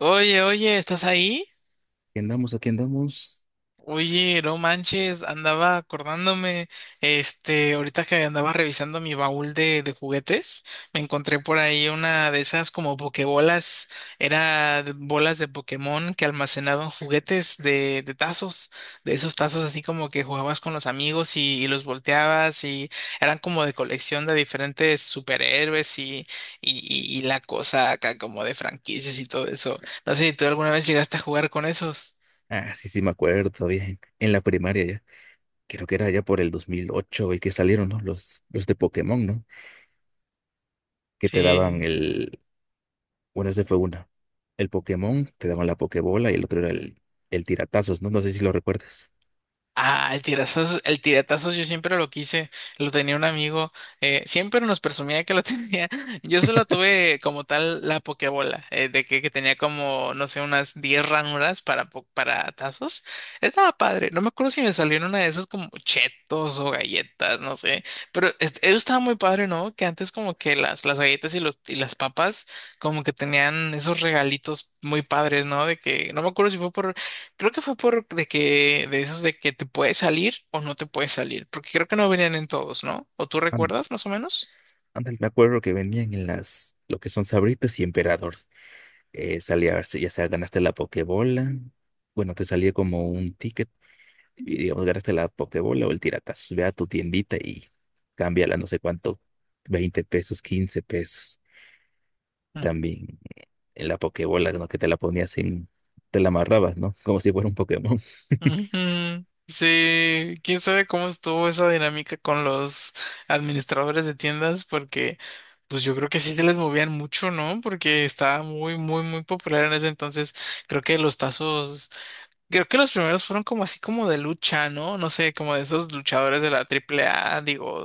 Oye, oye, ¿estás ahí? Aquí andamos, aquí andamos. Oye, no manches, andaba acordándome, ahorita que andaba revisando mi baúl de juguetes. Me encontré por ahí una de esas como pokebolas, bolas de Pokémon que almacenaban juguetes de tazos, de esos tazos así como que jugabas con los amigos y los volteabas y eran como de colección de diferentes superhéroes y la cosa acá como de franquicias y todo eso. No sé si tú alguna vez llegaste a jugar con esos. Ah, sí, sí, me acuerdo bien. En la primaria ya. Creo que era ya por el 2008 y que salieron, ¿no? Los de Pokémon, ¿no? Que te daban Sí. el. Bueno, ese fue una. El Pokémon, te daban la Pokébola y el otro era el tiratazos, ¿no? No sé si lo recuerdas. Ah, el tiratazos yo siempre lo quise, lo tenía un amigo. Siempre nos presumía que lo tenía. Yo solo tuve como tal la pokebola, que tenía como, no sé, unas 10 ranuras para tazos. Estaba padre, no me acuerdo si me salieron una de esas como chetos o galletas, no sé, pero eso estaba muy padre, ¿no? Que antes como que las galletas y las papas como que tenían esos regalitos muy padres, ¿no? De que, no me acuerdo si fue por. Creo que fue por de esos de que te puedes salir o no te puedes salir, porque creo que no venían en todos, ¿no? ¿O tú An- recuerdas más o menos? Ándale, me acuerdo que venían en las. Lo que son Sabritas y Emperador. Salía, si ya sea, ganaste la Pokébola. Bueno, te salía como un ticket y digamos, ganaste la Pokébola o el Tiratazos, ve a tu tiendita y cámbiala no sé cuánto, 20 pesos, 15 pesos. Mm. También en la Pokébola, ¿no? Que te la ponías en, te la amarrabas, ¿no? Como si fuera un Pokémon. Ujú. Sí, quién sabe cómo estuvo esa dinámica con los administradores de tiendas, porque pues yo creo que sí se les movían mucho, ¿no? Porque estaba muy, muy, muy popular en ese entonces. Creo que los tazos. Creo que los primeros fueron como así como de lucha, ¿no? No sé, como de esos luchadores de la triple A, digo,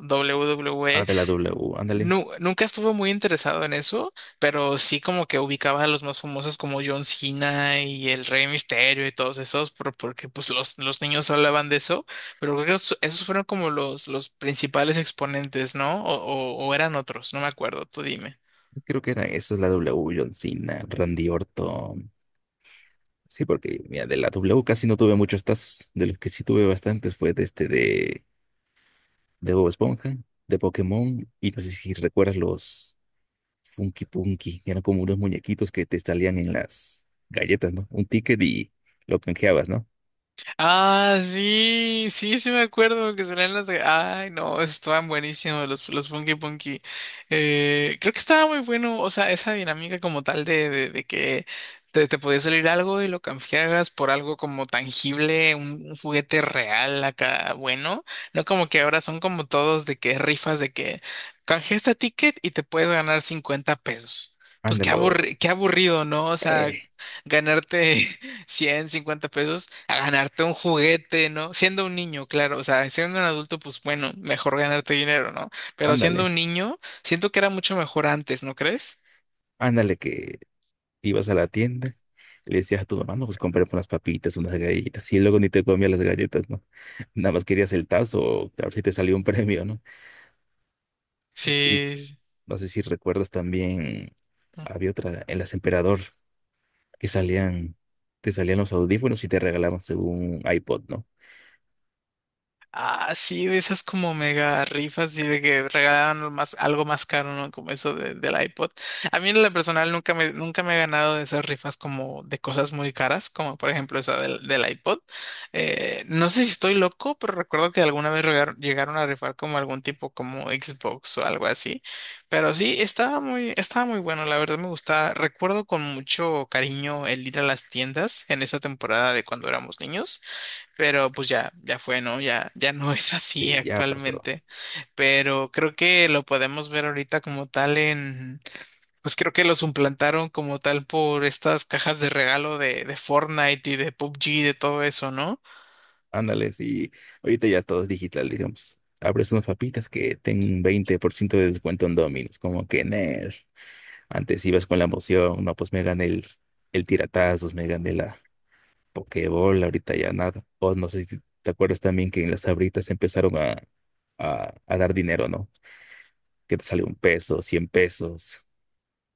Ah, WWE. de la W, ándale. Nunca estuve muy interesado en eso, pero sí como que ubicaba a los más famosos como John Cena y el Rey Misterio y todos esos, porque pues los niños hablaban de eso, pero creo que esos fueron como los principales exponentes, ¿no? O eran otros, no me acuerdo, tú dime. Creo que era esa es la W, John Cena, Randy Orton. Sí, porque mira, de la W casi no tuve muchos tazos. De los que sí tuve bastantes fue de este de Bob Esponja, de Pokémon, y no sé si recuerdas los. Funky Punky, que eran como unos muñequitos que te salían en las galletas, ¿no? Un ticket y lo canjeabas, ¿no? Ah, sí, sí, sí me acuerdo que salían las, Ay, no, estaban buenísimos los Funky Punky. Creo que estaba muy bueno, o sea, esa dinámica como tal de que te podía salir algo y lo canjeabas por algo como tangible, un juguete real acá, bueno. No como que ahora son como todos de que rifas de que canjea este ticket y te puedes ganar 50 pesos. Pues Ándale, o, qué aburrido, ¿no? O sea, eh, ganarte 100, 50 pesos a ganarte un juguete, ¿no? Siendo un niño, claro, o sea, siendo un adulto, pues bueno, mejor ganarte dinero, ¿no? Pero siendo ándale, un niño, siento que era mucho mejor antes, ¿no crees? ándale, que ibas a la tienda, le decías a tu mamá, no, pues compré unas papitas, unas galletas, y luego ni te comías las galletas, ¿no? Nada más querías el tazo, a ver si te salió un premio, ¿no? Y Sí. no sé si recuerdas también, había otra, en las Emperador, que salían, te salían los audífonos y te regalaban según iPod, ¿no? Ah, sí, de esas como mega rifas y de que regalaban lo más, algo más caro, ¿no? Como eso del iPod. A mí en lo personal nunca me he ganado de esas rifas como de cosas muy caras, como por ejemplo esa del iPod. No sé si estoy loco, pero recuerdo que alguna vez llegaron a rifar como algún tipo como Xbox o algo así. Pero sí, estaba muy bueno, la verdad me gustaba. Recuerdo con mucho cariño el ir a las tiendas en esa temporada de cuando éramos niños, pero pues ya, ya fue, ¿no? Ya, ya no es así Sí, ya pasó. actualmente. Pero creo que lo podemos ver ahorita como tal en, pues creo que lo suplantaron como tal por estas cajas de regalo de Fortnite y de PUBG y de todo eso, ¿no? Ándale, sí. Ahorita ya todo es digital, digamos. Abres unas papitas que ten 20% de descuento en Domino's, como que en. Antes ibas con la emoción, no, pues me gané el tiratazos, me gané la Pokéball, ahorita ya nada. O no sé si te acuerdas también que en las Sabritas empezaron a dar dinero, ¿no? Que te sale un peso, 100 pesos.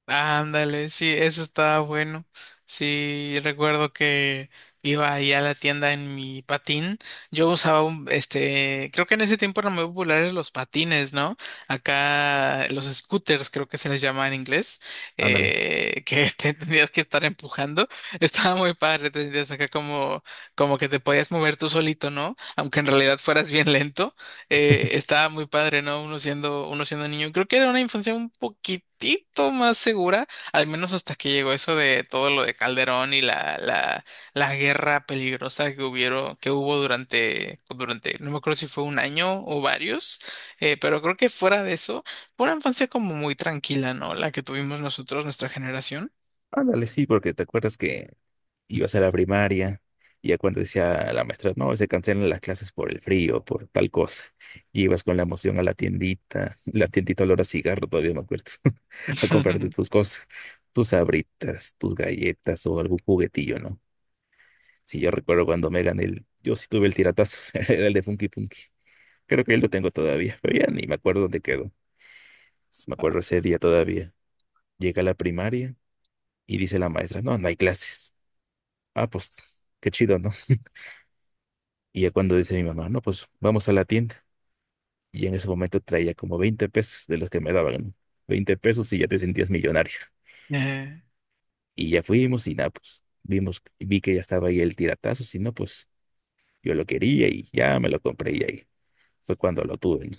Ándale, sí, eso estaba bueno. Sí, recuerdo que iba ahí a la tienda en mi patín. Yo usaba un, creo que en ese tiempo eran muy populares los patines, ¿no? Acá los scooters, creo que se les llama en inglés, Ándale, que te tenías que estar empujando. Estaba muy padre, te sentías acá como, como que te podías mover tú solito, ¿no? Aunque en realidad fueras bien lento, estaba muy padre, ¿no? Uno siendo niño. Creo que era una infancia un poquitito más segura, al menos hasta que llegó eso de todo lo de Calderón y la guerra peligrosa que hubieron, que hubo durante, no me acuerdo si fue un año o varios. Pero creo que fuera de eso, fue una infancia como muy tranquila, ¿no? La que tuvimos nosotros, nuestra generación. ándale, sí, porque te acuerdas que ibas a la primaria, y ya cuando decía la maestra, no, se cancelan las clases por el frío, por tal cosa, y ibas con la emoción a la tiendita, la tiendita olor a cigarro, todavía me acuerdo, a comprarte tus cosas, tus sabritas, tus galletas o algún juguetillo, ¿no? Sí, yo recuerdo cuando me gané yo sí tuve el tiratazos era el de Funky Punky, creo que él lo tengo todavía, pero ya ni me acuerdo dónde quedó, me acuerdo ese día todavía, llega a la primaria y dice la maestra, no, no hay clases, ah, pues, qué chido, ¿no? Y ya cuando dice mi mamá, no, pues vamos a la tienda. Y en ese momento traía como 20 pesos de los que me daban, ¿no? 20 pesos y ya te sentías millonario. Eh, Y ya fuimos y nada, pues vi que ya estaba ahí el tiratazo, si no, pues yo lo quería y ya me lo compré y ahí fue cuando lo tuve. ¿No?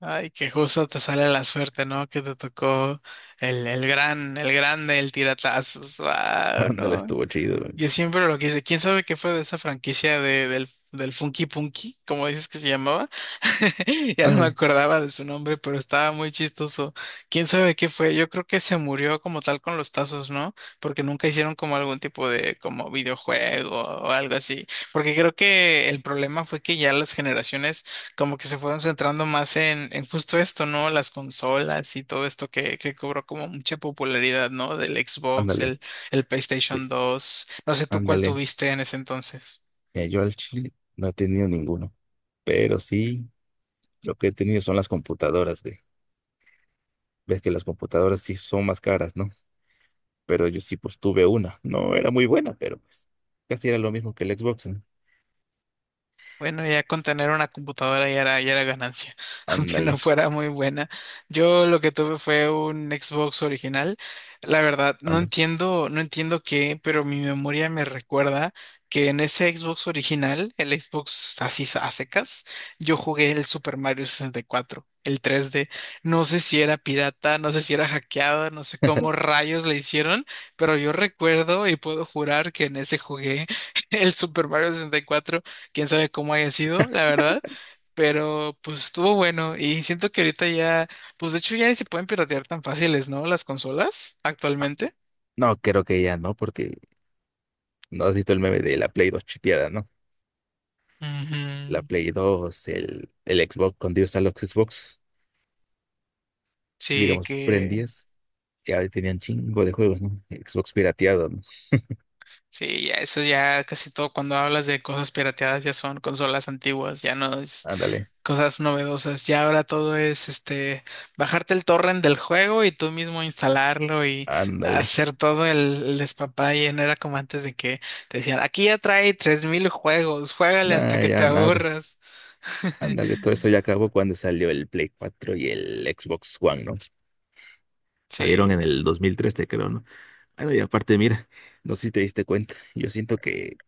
Ay, que justo te sale la suerte, ¿no? Que te tocó el grande, el tiratazos. Wow, Ándale, no. estuvo chido. ¿No? Yo siempre lo quise. ¿Quién sabe qué fue de esa franquicia del Funky Punky, como dices que se llamaba? Ya no me Ándale, acordaba de su nombre, pero estaba muy chistoso. ¿Quién sabe qué fue? Yo creo que se murió como tal con los tazos, ¿no? Porque nunca hicieron como algún tipo de como videojuego o algo así. Porque creo que el problema fue que ya las generaciones como que se fueron centrando más en justo esto, ¿no? Las consolas y todo esto que cobró como mucha popularidad, ¿no? Del Xbox, ándale, el PlayStation Luis, 2. No sé tú cuál ándale. tuviste en ese entonces. Mira, yo al chile no he tenido ninguno, pero sí, lo que he tenido son las computadoras, güey. Ves que las computadoras sí son más caras, ¿no? pero yo sí pues tuve una. No era muy buena, pero pues casi era lo mismo que el Xbox. ¿No? Bueno, ya con tener una computadora ya era ganancia, aunque no Ándale, fuera muy buena. Yo lo que tuve fue un Xbox original. La verdad, ándale. No entiendo qué, pero mi memoria me recuerda que en ese Xbox original, el Xbox así a secas, yo jugué el Super Mario 64, el 3D. No sé si era pirata, no sé si era hackeado, no sé cómo rayos le hicieron, pero yo recuerdo y puedo jurar que en ese jugué el Super Mario 64. Quién sabe cómo haya sido, la verdad, pero pues estuvo bueno y siento que ahorita ya, pues de hecho ya ni se pueden piratear tan fáciles, ¿no? Las consolas Ah, actualmente. no, creo que ya no, porque no has visto el meme de la Play 2 chipeada, ¿no? La Ujú. Play 2, el Xbox, cuando ibas a los Xbox, Sí, digamos, que prendías, ya tenían chingo de juegos, ¿no? Xbox pirateado, ¿no? sí, ya eso ya casi todo cuando hablas de cosas pirateadas ya son consolas antiguas, ya no es Ándale, cosas novedosas. Ya ahora todo es este bajarte el torrent del juego y tú mismo instalarlo y ándale. hacer todo el despapaye. No era como antes de que te decían, aquí ya trae 3,000 juegos, juégale hasta Nada, que te ya nada. aburras. Ándale, todo eso ya acabó cuando salió el Play 4 y el Xbox One, ¿no? Salieron Sí. en el 2013, creo, no. Bueno, y aparte, mira, no sé si te diste cuenta, yo siento que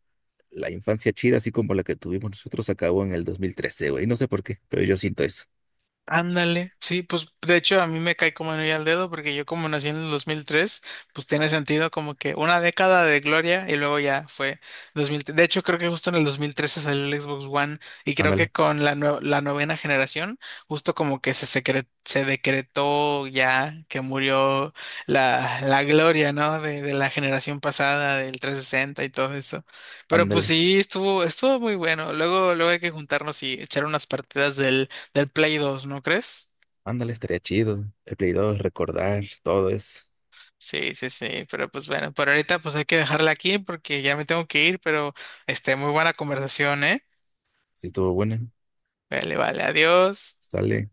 la infancia chida, así como la que tuvimos nosotros, acabó en el 2013, güey, no sé por qué, pero yo siento eso. Ándale, sí, pues de hecho a mí me cae como anillo al dedo porque yo como nací en el 2003, pues tiene sentido como que una década de gloria y luego ya fue 2003. De hecho creo que justo en el 2013 salió el Xbox One y creo que Ándale, con la novena generación justo como que se, se decretó ya que murió la gloria, ¿no? De la generación pasada del 360 y todo eso. Pero pues ándale, sí, estuvo, estuvo muy bueno. Luego, luego hay que juntarnos y echar unas partidas del Play 2, ¿no crees? ándale, estaría chido. El Play 2, recordar, todo eso. Sí, sí, sí, pero pues bueno, por ahorita pues hay que dejarla aquí porque ya me tengo que ir, pero muy buena conversación, ¿eh? Sí, estuvo bueno. Vale, vale, adiós. Sale.